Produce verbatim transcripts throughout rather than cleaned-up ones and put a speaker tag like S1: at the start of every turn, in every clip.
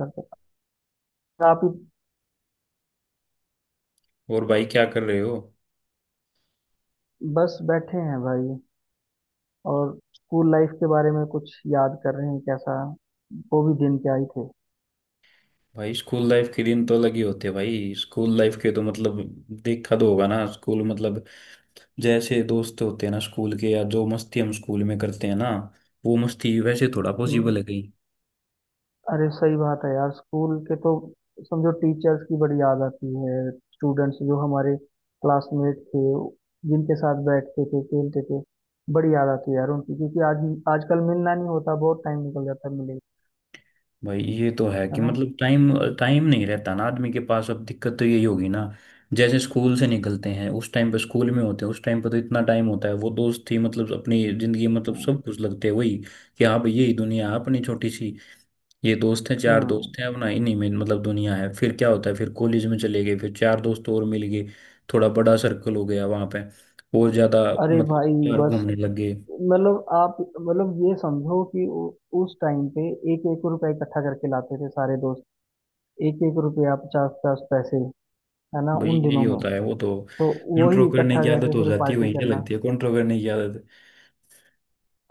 S1: लगता है आप ही।
S2: और भाई क्या कर रहे हो?
S1: बस बैठे हैं भाई, और स्कूल लाइफ के बारे में कुछ याद कर रहे हैं। कैसा वो भी दिन क्या ही थे।
S2: भाई स्कूल लाइफ के दिन तो अलग ही होते हैं, भाई स्कूल लाइफ के तो मतलब देखा तो होगा ना, स्कूल मतलब जैसे दोस्त होते हैं ना स्कूल के, या जो मस्ती हम स्कूल में करते हैं ना, वो मस्ती वैसे थोड़ा पॉसिबल
S1: हम्म।
S2: है कहीं?
S1: अरे सही बात है यार, स्कूल के तो समझो टीचर्स की बड़ी याद आती है। स्टूडेंट्स जो हमारे क्लासमेट थे, जिनके साथ बैठते थे, खेलते थे, बड़ी याद आती है यार उनकी, क्योंकि आज आजकल मिलना नहीं होता, बहुत टाइम निकल जाता है मिले।
S2: भाई ये तो है
S1: है
S2: कि
S1: ना।
S2: मतलब टाइम टाइम नहीं रहता ना आदमी के पास, अब दिक्कत तो यही होगी ना। जैसे स्कूल से निकलते हैं, उस टाइम पे स्कूल में होते हैं उस टाइम पे तो इतना टाइम होता है, वो दोस्त ही मतलब अपनी जिंदगी में मतलब
S1: हम्म
S2: सब कुछ लगते हैं वही, कि हाँ भाई, यही दुनिया है अपनी छोटी सी। ये दोस्त हैं चार। हम्म।
S1: हम्म।
S2: दोस्त हैं अब ना, इन्हीं में मतलब दुनिया है। फिर क्या होता है, फिर कॉलेज में चले गए, फिर चार दोस्त और मिल गए। थोड़ा बड़ा सर्कल हो गया वहां पे, और ज्यादा
S1: अरे
S2: मतलब
S1: भाई,
S2: यार
S1: बस
S2: घूमने लग गए।
S1: मतलब, आप मतलब ये समझो कि उ- उस टाइम पे एक एक रुपया इकट्ठा करके लाते थे सारे दोस्त, एक एक रुपया, पचास पचास पैसे, है ना
S2: भाई
S1: उन
S2: यही
S1: दिनों में।
S2: होता है वो तो।
S1: तो
S2: कंट्रोल
S1: वही
S2: करने
S1: इकट्ठा
S2: की आदत
S1: करके
S2: हो
S1: फिर
S2: जाती है,
S1: पार्टी
S2: वहीं से
S1: करना।
S2: लगती है कंट्रोल करने की आदत।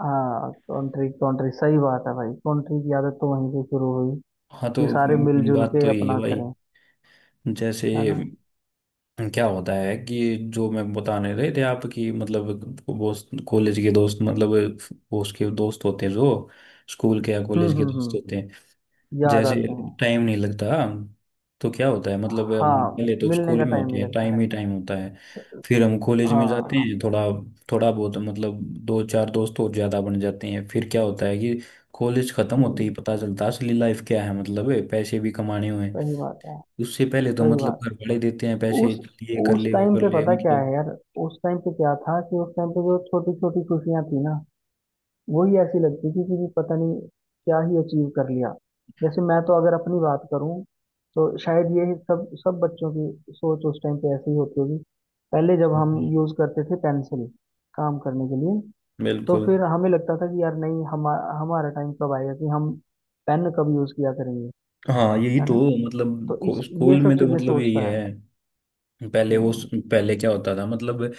S1: हाँ, कंट्री कंट्री सही बात है भाई, कंट्री की आदत तो वहीं से शुरू हुई,
S2: हाँ, तो
S1: कि सारे
S2: मेन
S1: मिलजुल
S2: बात
S1: के
S2: तो यही है
S1: अपना
S2: भाई।
S1: करें।
S2: जैसे
S1: है ना।
S2: क्या होता है कि जो मैं बताने रहे थे आपकी, मतलब दोस्त, कॉलेज के दोस्त मतलब वो उसके दोस्त होते हैं जो स्कूल के या
S1: हम्म
S2: कॉलेज के
S1: हम्म
S2: दोस्त होते
S1: हम्म।
S2: हैं।
S1: याद
S2: जैसे
S1: आते हैं।
S2: टाइम नहीं लगता, तो क्या होता है मतलब हम
S1: हाँ,
S2: पहले तो
S1: मिलने
S2: स्कूल
S1: का
S2: में
S1: टाइम
S2: होते
S1: नहीं
S2: हैं,
S1: लगता।
S2: टाइम ही टाइम होता है। फिर हम कॉलेज में जाते
S1: हाँ।
S2: हैं, थोड़ा थोड़ा बहुत मतलब दो चार दोस्त और ज़्यादा बन जाते हैं। फिर क्या होता है कि कॉलेज ख़त्म होते ही
S1: हम्म।
S2: पता चलता है असली लाइफ क्या है, मतलब है, पैसे भी कमाने हुए हैं।
S1: सही बात है,
S2: उससे पहले तो
S1: सही
S2: मतलब
S1: बात
S2: घर
S1: है।
S2: वाले देते हैं पैसे,
S1: उस
S2: ये कर
S1: उस
S2: ले वो
S1: टाइम
S2: कर
S1: पे
S2: ले
S1: पता क्या
S2: मतलब।
S1: है यार, उस टाइम पे क्या था कि उस टाइम पे जो छोटी छोटी खुशियां थी ना, वही ऐसी लगती थी कि पता नहीं क्या ही अचीव कर लिया। जैसे मैं तो अगर अपनी बात करूं, तो शायद ये सब सब बच्चों की सोच उस टाइम पे ऐसी ही होती होगी। पहले जब हम यूज करते थे पेंसिल काम करने के लिए, तो
S2: बिल्कुल।
S1: फिर हमें लगता था कि यार नहीं, हम हमारा टाइम कब आएगा कि हम पेन कब यूज किया करेंगे।
S2: हाँ, यही
S1: है
S2: तो
S1: ना।
S2: मतलब
S1: तो
S2: को-
S1: इस ये
S2: स्कूल
S1: सब
S2: में तो
S1: चीजें
S2: मतलब यही
S1: सोचता है।
S2: है। पहले वो,
S1: हम्म।
S2: पहले क्या होता था मतलब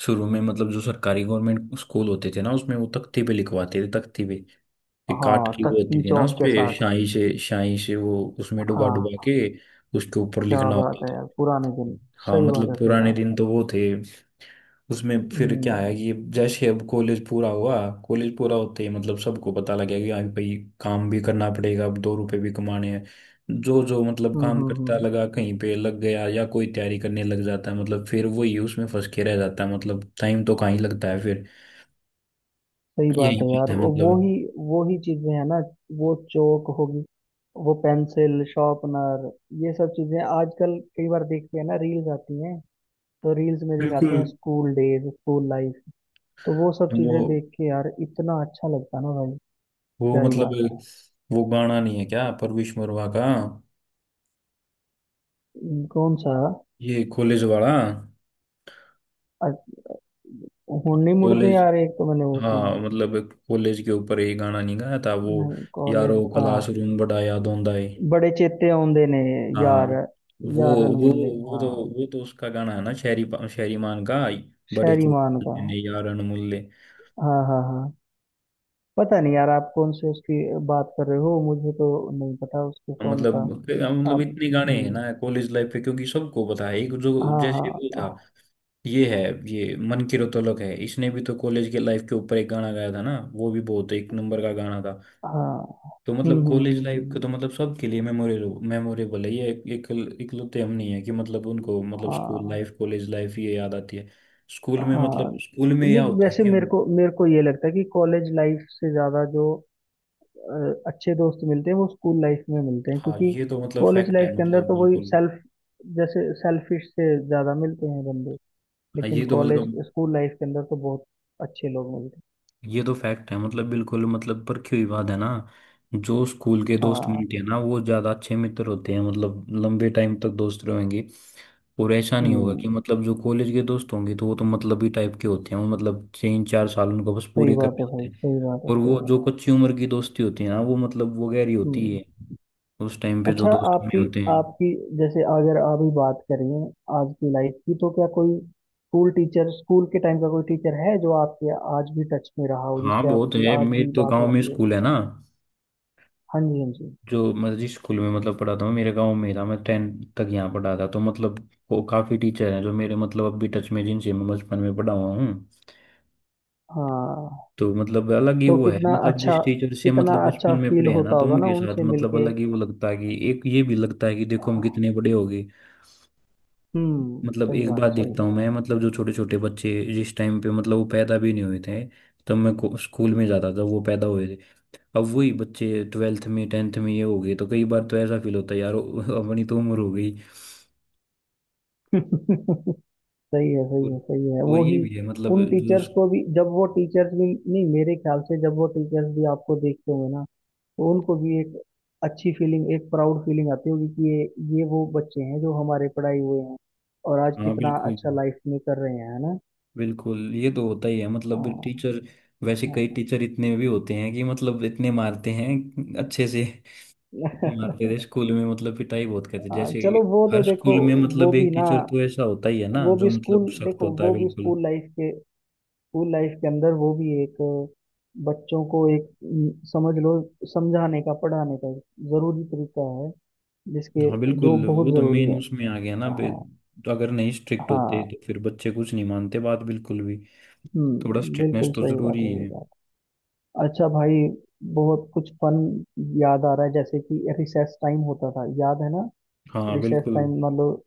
S2: शुरू में, मतलब जो सरकारी गवर्नमेंट स्कूल होते थे ना, उसमें वो तख्ती पे लिखवाते थे, तख्ती पे ये काट
S1: हाँ,
S2: की वो
S1: तक्की
S2: होती थी ना उस
S1: चौक के
S2: पे,
S1: साथ।
S2: स्याही से, स्याही से वो उसमें डुबा डुबा
S1: हाँ,
S2: के उसके ऊपर
S1: क्या
S2: लिखना होता
S1: बात है
S2: था।
S1: यार, पुराने दिन।
S2: हाँ
S1: सही बात
S2: मतलब
S1: है, सही
S2: पुराने दिन
S1: बात।
S2: तो वो थे। उसमें फिर क्या
S1: हम्म
S2: है कि जैसे अब कॉलेज पूरा हुआ, कॉलेज पूरा होते ही मतलब सबको पता लगेगा कि हाँ भाई काम भी करना पड़ेगा, अब दो रुपए भी कमाने हैं। जो जो मतलब
S1: हम्म
S2: काम
S1: हम्म
S2: करता
S1: हम्म।
S2: लगा कहीं पे लग गया, या कोई तैयारी करने लग जाता है मतलब फिर वही उसमें फंस के रह जाता है, मतलब टाइम तो कहाँ ही लगता है फिर।
S1: सही बात
S2: यही
S1: है
S2: बात
S1: यार।
S2: है
S1: वो वो
S2: मतलब
S1: ही, वो ही चीजें हैं ना। वो चौक होगी, वो पेंसिल शार्पनर, ये सब चीजें आजकल कई बार देखते हैं ना, रील्स आती हैं। तो रील्स में दिखाते
S2: बिल्कुल।
S1: हैं स्कूल डेज, स्कूल लाइफ। तो वो सब
S2: वो
S1: चीजें देख के यार इतना अच्छा लगता है ना भाई,
S2: वो
S1: क्या ही
S2: मतलब
S1: बात है।
S2: वो गाना नहीं है क्या परवेश मरवा का?
S1: हम्म, कौन सा?
S2: ये कॉलेज वाला,
S1: अ- हुन्नी मुड़दे
S2: कॉलेज।
S1: यार, एक तो मैंने वो सुना।
S2: हाँ मतलब कॉलेज के ऊपर ये गाना नहीं गाया था वो,
S1: नहीं, कॉलेज
S2: यारो
S1: था।
S2: क्लासरूम बड़ा याद आंदा है।
S1: बड़े चेते औंदे ने
S2: हाँ,
S1: यार,
S2: वो
S1: यार
S2: वो
S1: अनमुल्ले।
S2: वो तो
S1: हाँ,
S2: वो तो उसका गाना है ना, शहरी, शहरी मान का। बड़े
S1: शहरीमान
S2: चोट
S1: का।
S2: ने यार अनमोल्य।
S1: हाँ हाँ हाँ। पता नहीं यार, आप कौन से उसकी बात कर रहे हो, मुझे तो नहीं पता उसके सॉन्ग
S2: मतलब,
S1: का।
S2: मतलब
S1: आप।
S2: इतने गाने हैं
S1: हम्म,
S2: ना कॉलेज लाइफ पे, क्योंकि सबको पता है, एक जो
S1: हाँ
S2: जैसे वो
S1: हाँ
S2: था। ये है, ये मन की रतौलक है, इसने भी तो कॉलेज के लाइफ के ऊपर एक गाना गाया था ना, वो भी बहुत एक नंबर का गाना था।
S1: हाँ।
S2: तो
S1: हम्म
S2: मतलब
S1: हम्म
S2: कॉलेज
S1: हम्म
S2: लाइफ
S1: हम्म।
S2: का तो मतलब सबके लिए मेमोरेबल, मेमोरेबल है। ये एक, एक इकलौते हम नहीं है कि मतलब उनको मतलब स्कूल
S1: हाँ
S2: लाइफ, कॉलेज लाइफ ये याद आती है। स्कूल में
S1: हाँ।
S2: मतलब स्कूल में यह
S1: नहीं,
S2: होता है
S1: वैसे
S2: कि
S1: मेरे
S2: हम-
S1: को मेरे को ये लगता है कि कॉलेज लाइफ से ज्यादा जो अ, अच्छे दोस्त मिलते हैं, वो स्कूल लाइफ में मिलते हैं,
S2: हाँ,
S1: क्योंकि
S2: ये तो मतलब
S1: कॉलेज
S2: फैक्ट
S1: लाइफ
S2: है
S1: के अंदर
S2: मतलब
S1: तो वही
S2: बिल्कुल।
S1: सेल्फ, जैसे सेल्फिश से ज्यादा मिलते हैं बंदे।
S2: हाँ
S1: लेकिन
S2: ये तो
S1: कॉलेज,
S2: मतलब,
S1: स्कूल लाइफ के अंदर तो बहुत अच्छे लोग मिलते हैं।
S2: ये तो फैक्ट है मतलब बिल्कुल, मतलब परखी हुई बात है ना। जो स्कूल के दोस्त
S1: हाँ।
S2: बनते हैं ना वो ज्यादा अच्छे मित्र होते हैं, मतलब लंबे टाइम तक दोस्त रहेंगे। और ऐसा नहीं होगा
S1: हम्म,
S2: कि मतलब जो कॉलेज के दोस्त होंगे तो वो तो मतलब ही टाइप के होते हैं, वो मतलब तीन चार साल उनको बस
S1: सही
S2: पूरे
S1: बात
S2: करने
S1: है भाई,
S2: होते हैं।
S1: सही बात है,
S2: और
S1: सही
S2: वो
S1: बात है।
S2: जो कच्ची उम्र की दोस्ती होती है ना वो मतलब वो गहरी होती
S1: हम्म।
S2: है, उस टाइम पे जो
S1: अच्छा,
S2: दोस्त बने
S1: आपकी
S2: होते हैं।
S1: आपकी जैसे अगर अभी बात करें आज की लाइफ की, तो क्या कोई स्कूल टीचर, स्कूल के टाइम का कोई टीचर है जो आपके आज भी टच में रहा हो,
S2: हाँ
S1: जिससे
S2: बहुत
S1: आपकी
S2: है,
S1: आज
S2: मेरे
S1: भी
S2: तो
S1: बात
S2: गाँव में
S1: होती हो?
S2: स्कूल है ना,
S1: हाँ जी, हाँ जी।
S2: जो मैं जिस स्कूल में मतलब पढ़ाता हूँ मेरे गांव में ही था, मैं टेन तक यहाँ पढ़ा था। तो मतलब वो काफ़ी टीचर हैं जो मेरे मतलब अब भी टच में, जिनसे मैं बचपन में पढ़ा हुआ हूँ।
S1: हाँ
S2: तो मतलब अलग ही
S1: तो
S2: वो है,
S1: कितना
S2: मतलब जिस
S1: अच्छा,
S2: टीचर से
S1: कितना
S2: मतलब बचपन
S1: अच्छा
S2: में
S1: फील
S2: पढ़े हैं ना,
S1: होता
S2: तो
S1: होगा
S2: उनके
S1: ना
S2: साथ
S1: उनसे
S2: मतलब
S1: मिलके।
S2: अलग ही वो लगता है कि एक ये भी लगता है कि देखो हम कितने बड़े हो गए।
S1: हम्म,
S2: मतलब
S1: सही
S2: एक
S1: बात,
S2: बात
S1: सही
S2: देखता
S1: बात।
S2: हूँ मैं, मतलब जो छोटे छोटे बच्चे जिस टाइम पे मतलब वो पैदा भी नहीं हुए थे, तब मैं को- स्कूल में जाता था, वो पैदा हुए थे। अब वही बच्चे ट्वेल्थ में, टेंथ में ये हो गए, तो कई बार तो ऐसा फील होता है यार, ओ- अपनी तो उम्र हो गई।
S1: सही है, सही है,
S2: और,
S1: सही है,
S2: और
S1: वो ही।
S2: ये भी है मतलब
S1: उन
S2: जो
S1: टीचर्स
S2: उस-
S1: को भी, जब वो टीचर्स भी, नहीं मेरे ख्याल से जब वो टीचर्स भी आपको देखते होंगे ना, तो उनको भी एक अच्छी फीलिंग, एक प्राउड फीलिंग आती होगी कि ये ये वो बच्चे हैं जो हमारे पढ़ाई हुए हैं, और आज
S2: हाँ
S1: कितना
S2: बिल्कुल,
S1: अच्छा लाइफ में कर रहे हैं। है ना।
S2: बिल्कुल ये तो होता ही है मतलब
S1: हाँ।
S2: टीचर। वैसे कई
S1: हाँ।
S2: टीचर इतने भी होते हैं कि मतलब इतने मारते हैं अच्छे से, मारते थे स्कूल में, मतलब पिटाई बहुत करते जैसे,
S1: चलो वो
S2: हर
S1: तो देखो।
S2: स्कूल में
S1: वो
S2: मतलब एक
S1: भी ना,
S2: टीचर तो ऐसा होता ही है ना
S1: वो भी
S2: जो मतलब
S1: स्कूल,
S2: सख्त
S1: देखो
S2: होता है
S1: वो भी
S2: बिल्कुल।
S1: स्कूल लाइफ के, स्कूल लाइफ के अंदर वो भी एक, बच्चों को एक अम, समझ लो, समझाने का, पढ़ाने का एक जरूरी तरीका है, जिसके,
S2: हाँ
S1: जो
S2: बिल्कुल, वो
S1: बहुत
S2: तो
S1: जरूरी
S2: मेन
S1: है।
S2: उसमें आ गया ना बे-
S1: हाँ
S2: तो अगर नहीं स्ट्रिक्ट होते
S1: हाँ।
S2: तो फिर बच्चे कुछ नहीं मानते बात बिल्कुल भी। थोड़ा
S1: हम्म,
S2: स्ट्रिक्टनेस
S1: बिल्कुल
S2: तो
S1: सही बात
S2: जरूरी
S1: है, सही
S2: है।
S1: बात। अच्छा भाई, बहुत कुछ फन याद आ रहा है, जैसे कि रिसेस टाइम होता था, याद है ना।
S2: हाँ
S1: रिसेस
S2: बिल्कुल,
S1: टाइम मतलब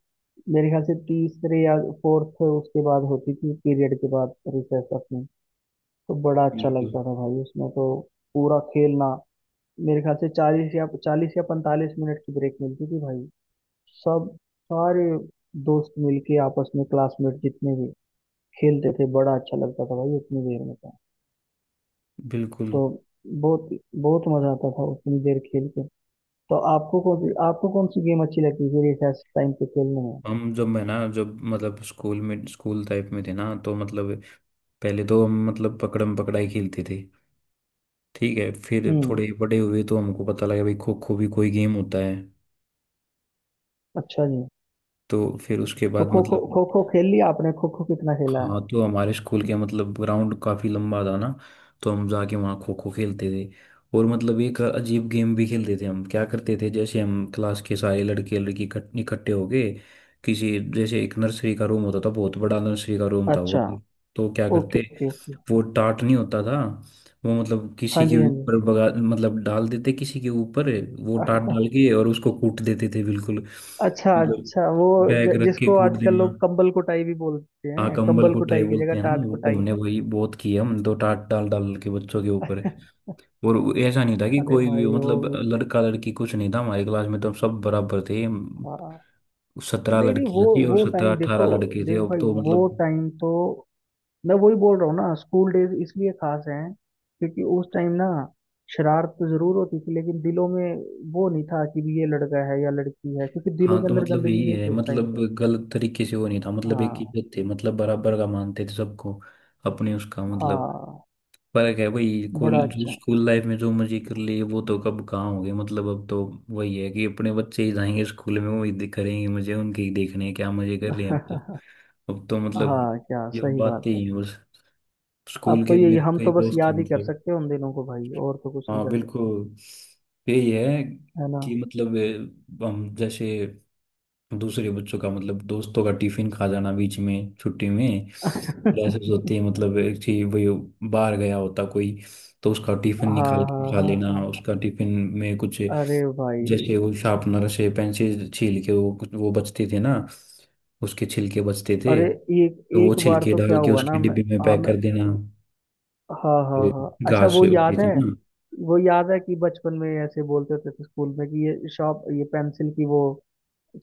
S1: मेरे ख्याल से तीसरे या फोर्थ, उसके बाद होती थी पीरियड के बाद रिसेस अपनी। तो बड़ा अच्छा
S2: बिल्कुल,
S1: लगता था भाई उसमें तो, पूरा खेलना। मेरे ख्याल से चालीस या चालीस या पैंतालीस मिनट की ब्रेक मिलती थी भाई। सब, सारे दोस्त मिलके आपस में क्लासमेट जितने भी, खेलते थे, बड़ा अच्छा लगता था भाई उतनी देर में था।
S2: बिल्कुल।
S1: तो बहुत, बहुत मजा आता था उतनी देर खेल के। तो आपको कौन सी आपको कौन सी गेम अच्छी लगती थी रिसेस टाइम पे खेलने में?
S2: हम जब मैं ना, जब मतलब स्कूल में, स्कूल टाइप में थे ना, तो मतलब पहले तो हम मतलब पकड़म पकड़ाई खेलते थे। ठीक है, फिर
S1: हम्म,
S2: थोड़े बड़े हुए तो हमको पता लगा भाई खो खो भी कोई गेम होता है।
S1: अच्छा जी।
S2: तो फिर उसके
S1: तो
S2: बाद
S1: खो खो
S2: मतलब,
S1: खो खो खेल लिया आपने, खो खो कितना खेला है?
S2: हाँ तो हमारे स्कूल के मतलब ग्राउंड काफी लंबा था ना, तो हम जाके वहाँ खो खो खेलते थे। और मतलब एक अजीब गेम भी खेलते थे हम। क्या करते थे, जैसे हम क्लास के सारे लड़के लड़की इकट- इकट्ठे हो गए, किसी जैसे एक नर्सरी का रूम होता था, बहुत बड़ा नर्सरी का रूम था वो।
S1: अच्छा,
S2: तो क्या
S1: ओके
S2: करते,
S1: ओके ओके।
S2: वो टाट नहीं होता था वो, मतलब
S1: हाँ
S2: किसी के
S1: जी, हाँ
S2: ऊपर बगा, मतलब डाल देते किसी के ऊपर, वो टाट
S1: जी।
S2: डाल के, और उसको कूट देते थे बिल्कुल।
S1: अच्छा
S2: मतलब
S1: अच्छा। वो
S2: बैग
S1: ज-
S2: रख के
S1: जिसको
S2: कूट
S1: आजकल
S2: देना।
S1: लोग कंबल कुटाई भी बोलते
S2: हाँ,
S1: हैं,
S2: कंबल
S1: कंबल
S2: कुटाई
S1: कुटाई की
S2: बोलते
S1: जगह
S2: हैं ना
S1: टाट
S2: वो,
S1: कुटाई।
S2: हमने वही बहुत की है हम तो, टाट डाल डाल के बच्चों के ऊपर। और वो ऐसा नहीं था कि
S1: अरे
S2: कोई भी
S1: भाई वो
S2: मतलब
S1: भी।
S2: लड़का लड़की कुछ नहीं था हमारी क्लास में, तो हम सब बराबर थे।
S1: हाँ।
S2: सत्रह
S1: नहीं नहीं, वो
S2: लड़कियां थी, और
S1: वो
S2: सत्रह
S1: टाइम देखो,
S2: अठारह लड़के थे,
S1: देख
S2: अब
S1: भाई,
S2: तो
S1: वो
S2: मतलब।
S1: टाइम तो, मैं वही बोल रहा हूँ ना, स्कूल डेज इसलिए खास हैं, क्योंकि उस टाइम ना शरारत तो जरूर होती थी, लेकिन दिलों में वो नहीं था कि भी ये लड़का है या लड़की है, क्योंकि दिलों
S2: हाँ
S1: के
S2: तो
S1: अंदर
S2: मतलब
S1: गंदगी
S2: यही
S1: नहीं
S2: है,
S1: थी उस टाइम
S2: मतलब
S1: पे।
S2: गलत तरीके से वो नहीं था, मतलब एक
S1: हाँ
S2: इज्जत थे, मतलब बराबर का मानते थे सबको, अपने उसका मतलब
S1: हाँ।
S2: फर्क है वही। कॉल
S1: बड़ा
S2: जो
S1: अच्छा।
S2: स्कूल लाइफ में जो मजे कर लिए वो तो कब कहाँ हो गए, मतलब अब तो वही है कि अपने बच्चे ही जाएंगे स्कूल में, वही दिख करेंगे, मुझे उनके ही देखने हैं, क्या मजे कर रहे हैं अब तो। अब तो मतलब
S1: हाँ, क्या
S2: ये
S1: सही बात
S2: बातें
S1: है।
S2: ही हैं बस।
S1: अब
S2: स्कूल
S1: तो
S2: के
S1: यही,
S2: मेरे
S1: हम
S2: कई
S1: तो बस
S2: दोस्त हैं
S1: याद ही कर
S2: मतलब।
S1: सकते हैं उन दिनों को भाई, और तो कुछ नहीं
S2: हाँ
S1: कर सकते।
S2: बिल्कुल, यही है
S1: है ना।
S2: कि मतलब अ, हम जैसे दूसरे बच्चों का मतलब दोस्तों का टिफिन खा जाना, बीच में छुट्टी में क्लासेस होती है मतलब, एक ही वही बाहर गया होता कोई, तो उसका टिफिन
S1: हाँ
S2: निकाल के
S1: हाँ
S2: खा
S1: हाँ
S2: लेना,
S1: हाँ,
S2: उसका टिफिन में कुछ।
S1: अरे भाई।
S2: जैसे वो शार्पनर से पेंसिल छील के वो कुछ वो बचते थे ना, उसके छिलके बचते थे,
S1: अरे एक
S2: तो वो
S1: एक बार
S2: छिलके
S1: तो क्या
S2: डाल के
S1: हुआ ना,
S2: उसके
S1: मैं,
S2: डिब्बे में
S1: हाँ
S2: पैक
S1: मैं,
S2: कर देना।
S1: हाँ हाँ
S2: फिर
S1: हाँ, अच्छा
S2: घास
S1: वो
S2: होती
S1: याद
S2: थी
S1: है।
S2: ना,
S1: वो याद है कि बचपन में ऐसे बोलते होते थे स्कूल में कि ये शॉप, ये पेंसिल की वो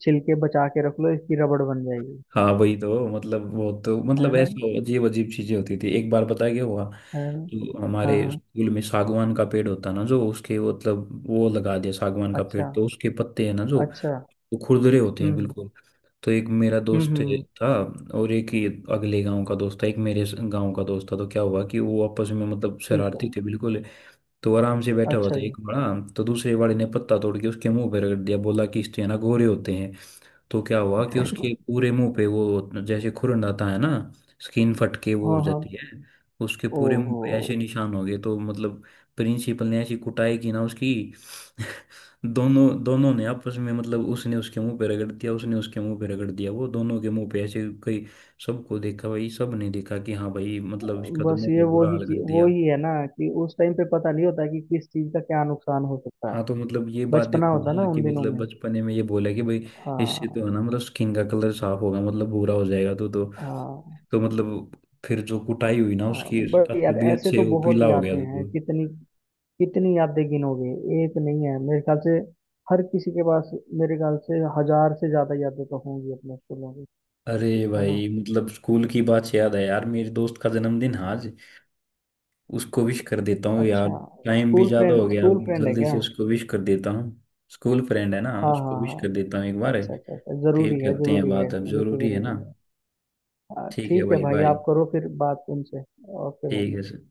S1: छिलके बचा के रख लो, इसकी रबड़ बन जाएगी।
S2: हाँ वही तो। मतलब वो तो
S1: है
S2: मतलब
S1: ना।
S2: ऐसे अजीब अजीब चीजें होती थी। एक बार पता है क्या हुआ,
S1: है ना।
S2: तो
S1: हाँ
S2: हमारे
S1: हाँ।
S2: स्कूल में सागवान का पेड़ होता है ना, जो उसके मतलब वो लगा दिया सागवान का पेड़,
S1: अच्छा
S2: तो उसके पत्ते हैं ना जो,
S1: अच्छा।
S2: वो खुरदरे होते
S1: हम्म
S2: हैं
S1: हम्म
S2: बिल्कुल। तो एक मेरा
S1: हम्म
S2: दोस्त
S1: हम्म।
S2: था, और एक ही अगले गांव का दोस्त था, एक मेरे गांव का दोस्त था। तो क्या हुआ कि वो आपस में मतलब
S1: ठीक है।
S2: शरारती थे बिल्कुल, तो आराम से बैठा हुआ
S1: अच्छा
S2: था
S1: जी।
S2: एक बड़ा, तो दूसरे वाले ने पत्ता तोड़ के उसके मुंह पे रगड़ दिया, बोला कि इससे ना गोरे होते हैं। तो क्या हुआ कि उसके पूरे मुंह पे वो, जैसे खुरन आता है ना, स्किन फट के वो हो
S1: हाँ हाँ।
S2: जाती है, उसके पूरे मुंह
S1: ओहो।
S2: पे ऐसे निशान हो गए, तो मतलब प्रिंसिपल ने ऐसी कुटाई की ना उसकी। दोनों दोनों ने आपस में मतलब उसने उसके मुंह पे रगड़ दिया, उसने उसके मुंह पे रगड़ दिया, वो दोनों के मुंह पे ऐसे कई, सबको देखा भाई, सब ने देखा कि हाँ भाई मतलब इसका तो
S1: बस
S2: मुंह का
S1: ये
S2: बुरा
S1: वही
S2: हाल
S1: चीज,
S2: कर
S1: वो
S2: दिया।
S1: ही है ना कि उस टाइम पे पता नहीं होता कि किस चीज का क्या नुकसान हो सकता है।
S2: हाँ तो मतलब ये बात
S1: बचपना
S2: देखो
S1: होता ना
S2: ना कि
S1: उन दिनों
S2: मतलब
S1: में।
S2: बचपने में ये बोला कि भाई इससे तो
S1: हाँ।
S2: है ना मतलब स्किन का कलर साफ होगा, मतलब भूरा हो जाएगा, तो तो
S1: हाँ।
S2: तो मतलब फिर जो कुटाई हुई ना
S1: हाँ।
S2: उसकी,
S1: बट यार,
S2: तबीयत
S1: ऐसे
S2: से
S1: तो
S2: वो
S1: बहुत
S2: पीला हो गया
S1: यादें
S2: था।
S1: हैं, कितनी, कितनी यादें गिनोगे। एक नहीं है मेरे ख्याल से हर किसी के पास, मेरे ख्याल से हजार से ज्यादा यादें तो होंगी अपने स्कूलों की।
S2: अरे
S1: है ना।
S2: भाई, मतलब स्कूल की बात से याद है यार, मेरे दोस्त का जन्मदिन है आज, उसको विश कर देता हूँ यार।
S1: अच्छा,
S2: टाइम भी
S1: स्कूल
S2: ज्यादा हो
S1: फ्रेंड,
S2: गया,
S1: स्कूल फ्रेंड है
S2: जल्दी
S1: क्या?
S2: से उसको विश कर देता हूँ। स्कूल फ्रेंड है ना,
S1: हाँ
S2: उसको
S1: हाँ
S2: विश
S1: हाँ।
S2: कर देता हूँ एक बार।
S1: अच्छा अच्छा अच्छा,
S2: फिर
S1: जरूरी है,
S2: करते हैं
S1: जरूरी है।
S2: बात, अब
S1: ये तो
S2: जरूरी है ना।
S1: जरूरी है। हाँ,
S2: ठीक है
S1: ठीक है
S2: भाई,
S1: भाई,
S2: बाय।
S1: आप करो फिर बात उनसे। ओके
S2: ठीक
S1: भाई।
S2: है सर।